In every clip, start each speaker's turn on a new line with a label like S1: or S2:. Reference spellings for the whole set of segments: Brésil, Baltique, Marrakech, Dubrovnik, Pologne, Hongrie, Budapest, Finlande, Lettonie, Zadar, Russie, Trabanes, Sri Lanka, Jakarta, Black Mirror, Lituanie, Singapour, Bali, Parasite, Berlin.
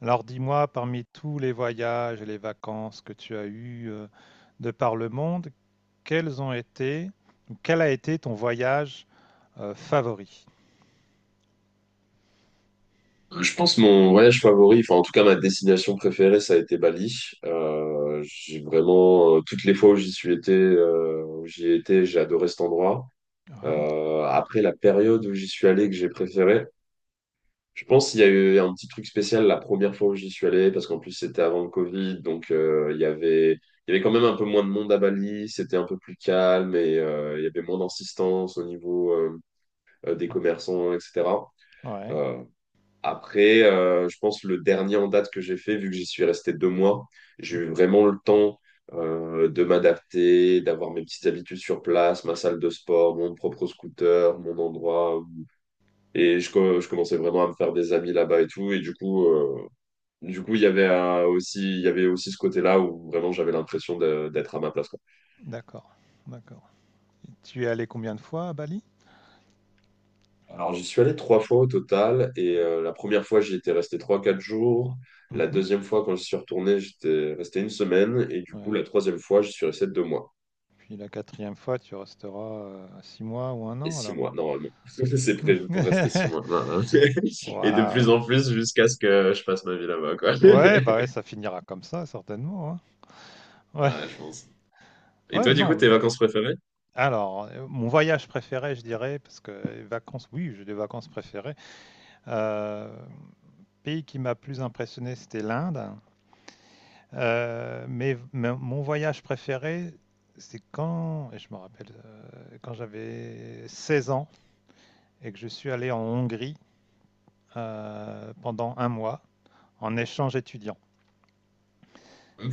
S1: Alors dis-moi, parmi tous les voyages et les vacances que tu as eues de par le monde, quels ont été, ou quel a été ton voyage favori?
S2: Je pense mon voyage favori, enfin en tout cas ma destination préférée, ça a été Bali. J'ai vraiment toutes les fois où j'y suis été, où j'y ai été, j'ai adoré cet endroit.
S1: Ouais,
S2: Après la période où j'y suis allé que j'ai préféré, je pense qu'il y a eu un petit truc spécial la première fois où j'y suis allé parce qu'en plus c'était avant le Covid, donc il y avait quand même un peu moins de monde à Bali, c'était un peu plus calme et il y avait moins d'insistance au niveau des commerçants, etc.
S1: ouais.
S2: Après, je pense le dernier en date que j'ai fait, vu que j'y suis resté deux mois, j'ai
S1: Mhm.
S2: eu vraiment le temps de m'adapter, d'avoir mes petites habitudes sur place, ma salle de sport, mon propre scooter, mon endroit. Et je commençais vraiment à me faire des amis là-bas et tout. Et du coup, il y avait aussi, il y avait aussi ce côté-là où vraiment j'avais d'être à ma place.
S1: D'accord, d'accord. Et tu es allé combien de fois à Bali?
S2: Alors, j'y suis allé trois fois au total. Et la première fois, j'y étais resté trois, quatre jours. La
S1: Mhm.
S2: deuxième fois, quand je suis retourné, j'étais resté une semaine. Et du coup,
S1: Ouais.
S2: la troisième fois, je suis resté deux mois.
S1: Puis la quatrième fois, tu resteras 6 mois ou un
S2: Et
S1: an
S2: six
S1: alors.
S2: mois, normalement. C'est prévu pour rester six mois. Non, non. Et de plus
S1: Waouh.
S2: en plus, jusqu'à ce que je passe ma vie là-bas, quoi.
S1: Ouais, bah ouais, ça finira comme ça certainement, hein. Ouais,
S2: Ouais, je pense. Et
S1: ouais,
S2: toi, du coup,
S1: non,
S2: tes vacances préférées?
S1: alors, mon voyage préféré, je dirais, parce que vacances, oui, j'ai des vacances préférées. Heu, Pays qui m'a plus impressionné, c'était l'Inde. Mais mon voyage préféré, c'est quand et je me rappelle, quand j'avais 16 ans et que je suis allé en Hongrie, pendant 1 mois en échange étudiant,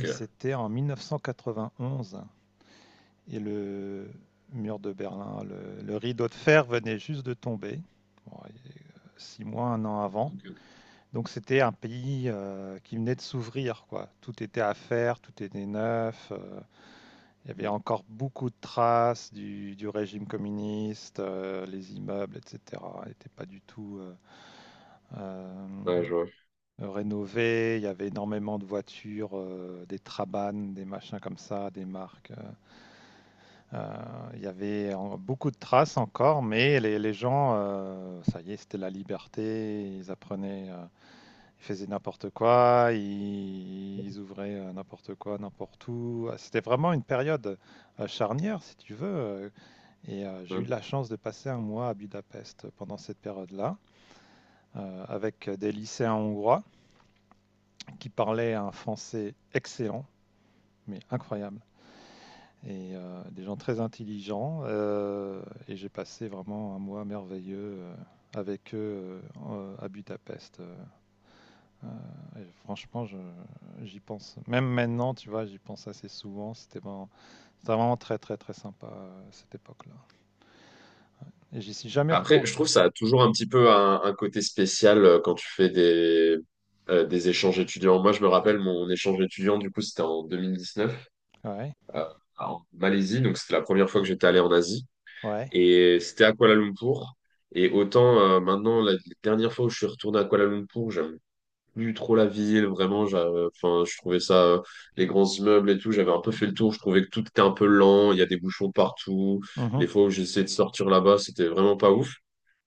S1: et c'était en 1991. Et le mur de Berlin, le rideau de fer venait juste de tomber, bon, 6 mois, 1 an avant.
S2: Ok, ok.
S1: Donc c'était un pays qui venait de s'ouvrir, quoi. Tout était à faire, tout était neuf. Il y avait encore beaucoup de traces du régime communiste, les immeubles, etc. n'étaient pas du tout euh,
S2: Ouais, je
S1: rénovés. Il y avait énormément de voitures, des Trabanes, des machins comme ça, des marques. Il y avait beaucoup de traces encore, mais les gens, ça y est, c'était la liberté. Ils apprenaient, ils faisaient n'importe quoi, ils ouvraient n'importe quoi, n'importe où. Ah, c'était vraiment une période charnière, si tu veux. Et j'ai eu
S2: vois.
S1: de la chance de passer 1 mois à Budapest pendant cette période-là, avec des lycéens hongrois qui parlaient un français excellent, mais incroyable. Et des gens très intelligents. Et j'ai passé vraiment 1 mois merveilleux avec eux à Budapest. Et franchement, j'y pense. Même maintenant, tu vois, j'y pense assez souvent. C'était vraiment très, très, très sympa cette époque-là. Et j'y suis jamais
S2: Après,
S1: retourné.
S2: je trouve ça a toujours un petit peu un côté spécial quand tu fais des échanges étudiants. Moi, je me rappelle mon échange étudiant, du coup, c'était en 2019
S1: Ouais,
S2: euh, en Malaisie, donc c'était la première fois que j'étais allé en Asie.
S1: ouais.
S2: Et c'était à Kuala Lumpur. Et autant maintenant, la dernière fois où je suis retourné à Kuala Lumpur, j'aime plus trop la ville, vraiment, enfin, je trouvais ça, les grands immeubles et tout, j'avais un peu fait le tour, je trouvais que tout était un peu lent, il y a des bouchons partout,
S1: Mhm.
S2: les fois où j'essayais de sortir là-bas, c'était vraiment pas ouf.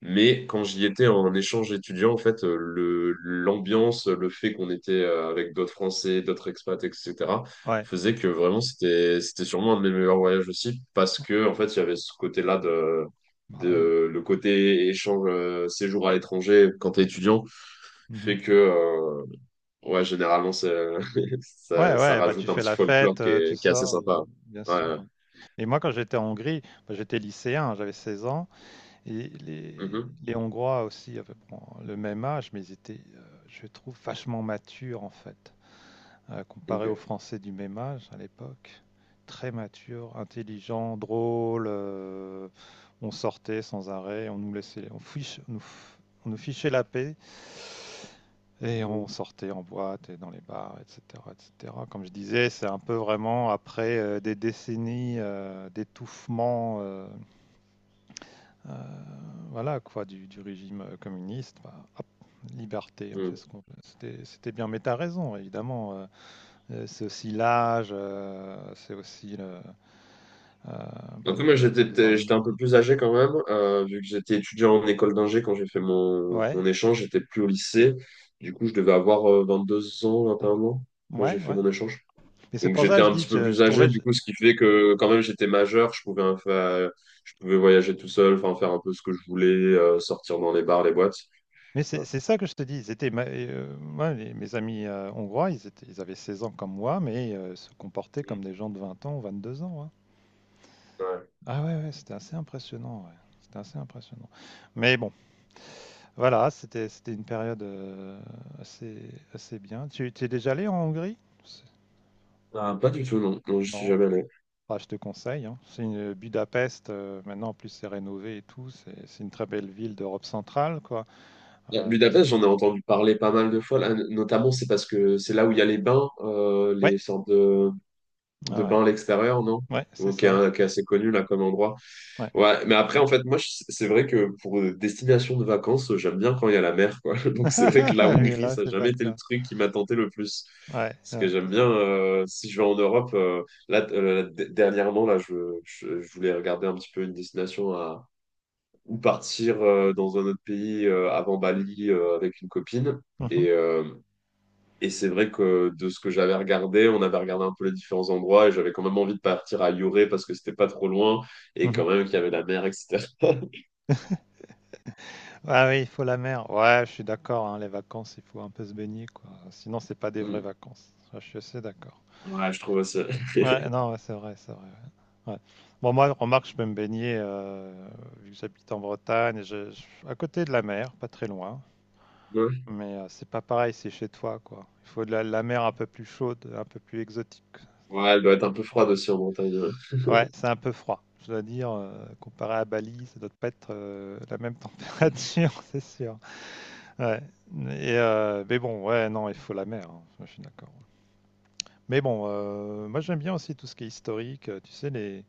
S2: Mais quand j'y étais en échange étudiant, en fait, l'ambiance, le fait qu'on était avec d'autres Français, d'autres expats, etc.,
S1: Ouais,
S2: faisait que vraiment, c'était c'était sûrement un de mes meilleurs voyages aussi, parce que, en fait, il y avait ce côté-là de,
S1: bah ouais.
S2: de, le côté échange, séjour à l'étranger quand t'es étudiant,
S1: Mhm.
S2: fait que, ouais, généralement, c'est,
S1: Ouais,
S2: ça
S1: ouais, bah tu
S2: rajoute un
S1: fais
S2: petit
S1: la
S2: folklore
S1: fête, tu
S2: qui est assez
S1: sors,
S2: sympa.
S1: bien sûr.
S2: Hein.
S1: Et moi, quand j'étais en Hongrie, bah, j'étais lycéen, j'avais 16 ans. Et
S2: Ouais. Mhm.
S1: les Hongrois aussi, à peu près le même âge, mais ils étaient, je trouve, vachement matures en fait, comparé aux
S2: Ok.
S1: Français du même âge à l'époque. Très matures, intelligents, drôles. On sortait sans arrêt, on nous laissait, on, fiche- on nous, f- on nous fichait la paix et on
S2: Mhm.
S1: sortait en boîte et dans les bars, etc., etc. Comme je disais, c'est un peu vraiment après des décennies d'étouffement. Euh, voilà quoi, du régime communiste, bah, hop, liberté, on fait
S2: Mhm.
S1: ce qu'on veut. C'était bien, mais t'as raison, évidemment. C'est aussi l'âge, c'est aussi bah,
S2: Après, moi,
S1: le
S2: j'étais,
S1: fait des
S2: j'étais
S1: armées.
S2: un peu plus âgé quand même, vu que j'étais étudiant en école d'ingé quand j'ai fait
S1: Ouais,
S2: mon échange, j'étais plus au lycée. Du coup, je devais avoir 21 ans quand j'ai
S1: ouais,
S2: fait
S1: ouais.
S2: mon échange.
S1: Mais c'est
S2: Donc,
S1: pour ça
S2: j'étais
S1: que je
S2: un
S1: dis,
S2: petit peu
S1: je
S2: plus
S1: trouvais.
S2: âgé, du coup, ce qui fait que quand même, j'étais majeur, je pouvais faire, je pouvais voyager tout seul, enfin, faire un peu ce que je voulais, sortir dans les bars, les boîtes.
S1: Mais c'est
S2: Voilà.
S1: c'est ça que je te dis. Ils étaient, moi, mes amis hongrois, ils avaient 16 ans comme moi, mais se comportaient comme
S2: Mhm.
S1: des gens de 20 ans ou 2 ans, hein.
S2: Ouais.
S1: Ah ouais, ouais, c'était assez impressionnant, ouais. C'était assez impressionnant. Mais bon. Voilà, c'était une période assez, assez bien. Tu es déjà allé en Hongrie? C'est-
S2: Ah, pas du tout, non. Non, je suis
S1: Non,
S2: jamais allé.
S1: bah, je te conseille, hein. C'est une Budapest, maintenant en plus c'est rénové et tout. C'est une très belle ville d'Europe centrale, quoi. Euh,
S2: Budapest, j'en ai entendu parler pas mal de fois là, notamment, c'est parce que c'est là où il y a les bains,
S1: ouais,
S2: les sortes
S1: ouais,
S2: de
S1: ouais,
S2: bains à l'extérieur, non?
S1: ouais, c'est
S2: Ou qui est,
S1: ça.
S2: qui est assez connu là comme endroit.
S1: Ouais.
S2: Ouais, mais après, en fait, c'est vrai que pour destination de vacances, j'aime bien quand il y a la mer, quoi. Donc, c'est vrai que la
S1: Mais
S2: Hongrie,
S1: là,
S2: ça n'a
S1: c'est pas
S2: jamais
S1: le
S2: été le
S1: cas.
S2: truc qui m'a tenté le plus.
S1: Ouais,
S2: Parce que
S1: ouais.
S2: j'aime bien, si je vais en Europe, dernièrement, je voulais regarder un petit peu une destination à ou partir dans un autre pays avant Bali avec une copine.
S1: Mhm,
S2: Et, euh, et c'est vrai que de ce que j'avais regardé, on avait regardé un peu les différents endroits et j'avais quand même envie de partir à Lloré parce que c'était pas trop loin et quand
S1: mhm.
S2: même qu'il y avait la mer, etc.
S1: Ah oui, il faut la mer. Ouais, je suis d'accord, hein, les vacances, il faut un peu se baigner, quoi. Sinon, c'est pas des vraies
S2: Hmm.
S1: vacances. Ça, je suis assez d'accord.
S2: Ouais, je trouve aussi.
S1: Ouais, non, ouais, c'est vrai, c'est vrai. Ouais. Ouais. Bon, moi, remarque, je peux me baigner, vu que j'habite en Bretagne, à côté de la mer, pas très loin. Mais c'est pas pareil, c'est chez toi, quoi. Il faut de la mer un peu plus chaude, un peu plus exotique.
S2: Ouais, elle doit être un peu froide aussi en montagne.
S1: Ouais, c'est un peu froid. Je dois dire, comparé à Bali, ça doit pas être la même température, c'est sûr. Ouais. Et, mais bon, ouais, non, il faut la mer, hein. Je suis d'accord. Mais bon, moi j'aime bien aussi tout ce qui est historique, tu sais,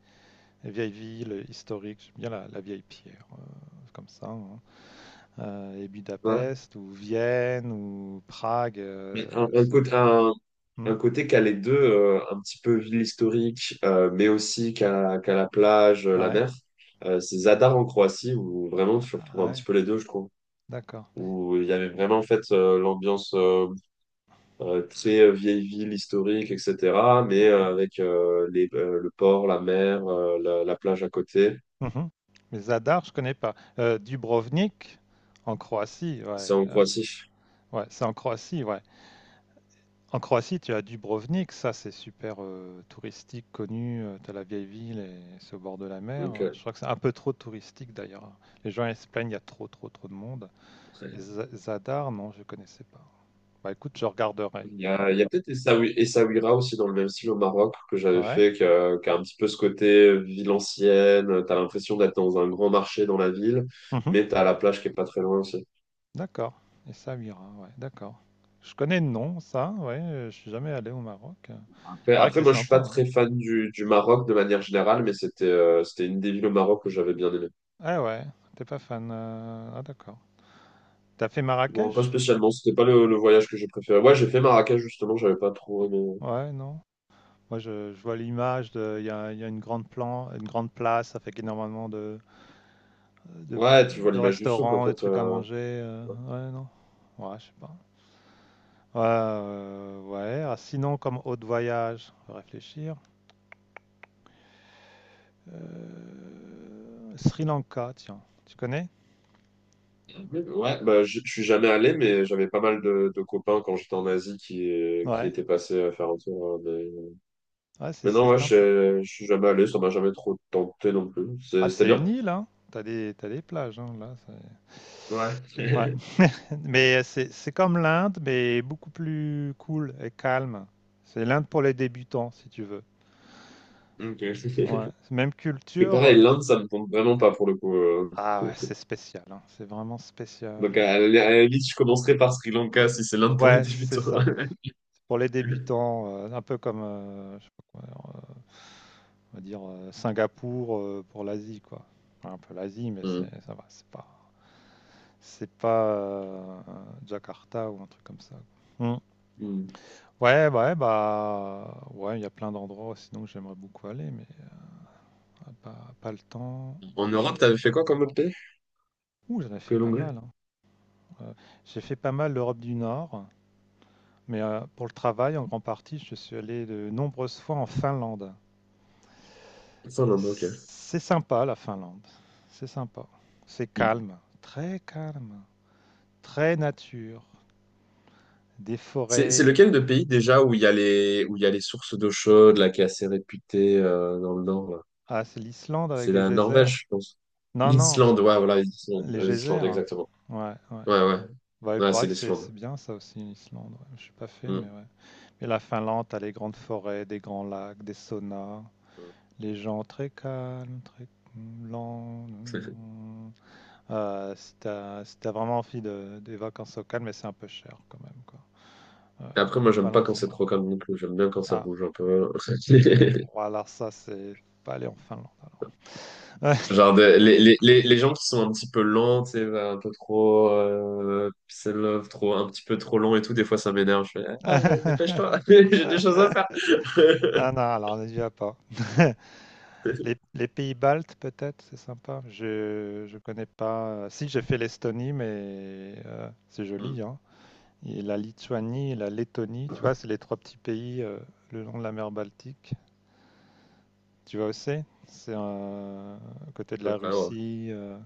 S1: les vieilles villes historiques, j'aime bien la vieille pierre, comme ça, hein. Et
S2: Ouais.
S1: Budapest, ou Vienne, ou Prague.
S2: Mais
S1: C'est... Hmm,
S2: un côté qui a les deux, un petit peu ville historique, mais aussi qu'à la plage, la
S1: ouais,
S2: mer. C'est Zadar en Croatie, où vraiment tu
S1: ah
S2: retrouves un petit
S1: ouais,
S2: peu les deux, je trouve.
S1: d'accord.
S2: Où il y avait vraiment en fait l'ambiance très vieille ville historique, etc. Mais
S1: Ouais.
S2: avec le port, la mer, la plage à côté.
S1: Mhm. Mais Zadar, je connais pas. Dubrovnik, en Croatie, ouais.
S2: C'est en Croatie.
S1: Ouais, c'est en Croatie, ouais. En Croatie, tu as Dubrovnik, ça c'est super touristique, connu. Tu as la vieille ville et c'est au bord de la mer.
S2: Donc,
S1: Je crois que c'est un peu trop touristique d'ailleurs. Les gens ils se plaignent, il y a trop de monde. Et
S2: euh,
S1: Zadar, non, je ne connaissais pas. Bah écoute, je regarderai.
S2: il y a, il y a peut-être Essaouira aussi dans le même style au Maroc que j'avais
S1: Ouais.
S2: fait, qui a un petit peu ce côté ville ancienne. T'as l'impression d'être dans un grand marché dans la ville,
S1: Mhm.
S2: mais t'as la plage qui est pas très loin aussi.
S1: D'accord. Et Samira, ouais, d'accord. Je connais le nom, ça, ouais, je suis jamais allé au Maroc. Il
S2: Après,
S1: paraît que
S2: après,
S1: c'est
S2: moi, je suis
S1: sympa,
S2: pas
S1: ouais.
S2: très fan du Maroc de manière générale, mais c'était une des villes au Maroc que j'avais bien aimé.
S1: Ah ouais, t'es pas fan. Ah d'accord. T'as fait
S2: Bon, pas
S1: Marrakech?
S2: spécialement, c'était pas le voyage que j'ai préféré. Ouais, j'ai fait Marrakech justement, j'avais pas trop aimé.
S1: Ouais, non. Moi, je vois l'image de, il y a une grande plan, une grande place avec énormément de,
S2: Ouais, tu vois
S1: de
S2: l'image du souk en
S1: restaurants, des
S2: fait.
S1: trucs à manger. Ouais, non. Ouais, je sais pas. Ouais, ouais. Ah, sinon, comme haute voyage, on va réfléchir. Sri Lanka, tiens, tu connais?
S2: Ouais, je suis jamais allé, mais j'avais pas mal de copains quand j'étais en Asie qui
S1: Ouais,
S2: étaient passés à faire un tour. Hein,
S1: ouais, c'est
S2: mais
S1: c'est
S2: non, ouais,
S1: sympa.
S2: je suis jamais allé, ça m'a jamais trop tenté non plus.
S1: Ah,
S2: C'était
S1: c'est une
S2: bien?
S1: île, hein. Tu des T'as des plages, hein, là,
S2: Ouais.
S1: c'est ouais, mais c'est comme l'Inde, mais beaucoup plus cool et calme. C'est l'Inde pour les débutants, si tu veux.
S2: Ok. Parce
S1: Ouais, c'est même
S2: que
S1: culture,
S2: pareil, l'Inde, ça me tente vraiment pas pour le coup.
S1: ah ouais, c'est spécial, hein, c'est vraiment spécial,
S2: Donc à la limite, je commencerai par Sri Lanka si c'est l'Inde pour les
S1: ouais, c'est
S2: débutants.
S1: ça. Pour les débutants, un peu comme, je sais pas quoi, on va dire Singapour pour l'Asie, quoi. Enfin, un peu l'Asie, mais c'est,
S2: Hmm.
S1: ça va, c'est pas, c'est pas euh, Jakarta ou un truc comme ça. Hmm.
S2: Hmm.
S1: Ouais, bah, ouais, bah, ouais, il y a plein d'endroits sinon que j'aimerais beaucoup aller, mais pas le temps.
S2: En Europe, t'avais fait quoi comme autre pays
S1: Ouh, j'en ai
S2: que
S1: fait pas mal,
S2: l'Hongrie?
S1: hein. Euh, j'ai fait pas mal l'Europe du Nord, mais pour le travail, en grande partie, je suis allé de nombreuses fois en Finlande.
S2: Ça, l'Inde, ok.
S1: C'est sympa la Finlande, c'est sympa. C'est calme. Très nature, des
S2: C'est
S1: forêts.
S2: lequel de pays déjà où il y a les, où il y a les sources d'eau chaude, là, qui est assez réputée dans le nord, là.
S1: Ah, c'est l'Islande avec
S2: C'est
S1: les
S2: la
S1: geysers.
S2: Norvège, je pense.
S1: Non, non,
S2: L'Islande, ouais, voilà,
S1: les
S2: l'Islande,
S1: geysers.
S2: exactement.
S1: Ouais, ouais.
S2: Ouais, ouais.
S1: Bah, il
S2: Ouais, c'est
S1: paraît que c'est
S2: l'Islande.
S1: bien ça aussi, l'Islande. Ouais, je suis pas fait, mais
S2: Mm.
S1: ouais. Et la Finlande, t'as les grandes forêts, des grands lacs, des saunas, les gens très calmes, très lents.
S2: Tout à fait.
S1: Si t'as vraiment envie de, des vacances au calme, mais c'est un peu cher quand même, quoi.
S2: Et après,
S1: Bah, la
S2: moi, j'aime pas
S1: Finlande,
S2: quand
S1: ça
S2: c'est
S1: va.
S2: trop calme non plus. J'aime bien quand ça
S1: Ah,
S2: bouge un peu.
S1: ouais, alors ça, c'est pas aller en Finlande alors.
S2: Genre, les gens qui sont un petit peu lents, tu sais, un peu trop, peace and love, trop, un petit peu trop lent et tout, des fois, ça m'énerve. Je fais, ah, dépêche-toi, j'ai des choses à faire.
S1: Ah non, alors on est déjà pas. Les pays baltes, peut-être, c'est sympa. Je connais pas. Si, j'ai fait l'Estonie, mais c'est
S2: Mm.
S1: joli, hein. Et la Lituanie et la Lettonie, tu vois, c'est les trois petits pays le long de la mer Baltique. Tu vois aussi? C'est à côté
S2: À
S1: de
S2: peu
S1: la
S2: près, ouais.
S1: Russie,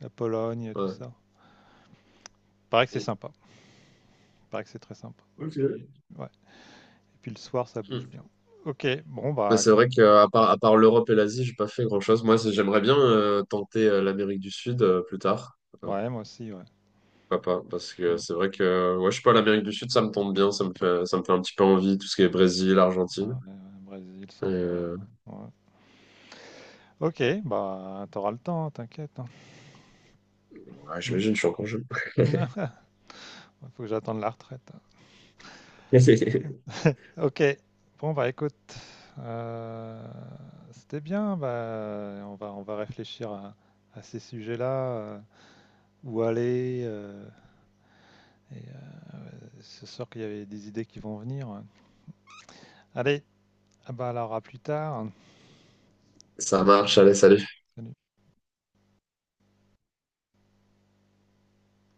S1: la Pologne, tout
S2: Ouais.
S1: ça. Paraît que c'est
S2: Mm.
S1: sympa. Paraît que c'est très sympa. Et puis,
S2: Ok.
S1: ouais. Et puis le soir, ça bouge
S2: Mm.
S1: bien. Ok, bon,
S2: Mais
S1: bah
S2: c'est
S1: écoute.
S2: vrai à part l'Europe et l'Asie, j'ai pas fait grand-chose. Moi, j'aimerais bien tenter l'Amérique du Sud plus tard. Euh,
S1: Ouais, moi aussi, ouais.
S2: Pourquoi pas? Parce que c'est vrai que, ouais, je sais pas, l'Amérique du Sud, ça me tombe bien. Ça me fait un petit peu envie, tout ce qui est Brésil,
S1: Ouais,
S2: Argentine.
S1: ouais, ouais, Brésil, samba.
S2: Euh,
S1: Ouais. Ok, bah t'auras le temps, t'inquiète, hein.
S2: ouais,
S1: Hmm.
S2: j'imagine, je suis encore jeune.
S1: Faut que j'attende la retraite, hein. Ok, bon bah écoute, euh, c'était bien. Bah, on va réfléchir à ces sujets-là, où aller. Et c'est sûr qu'il y avait des idées qui vont venir. Allez, ah bah alors à plus tard.
S2: Ça marche, allez, salut.
S1: Salut.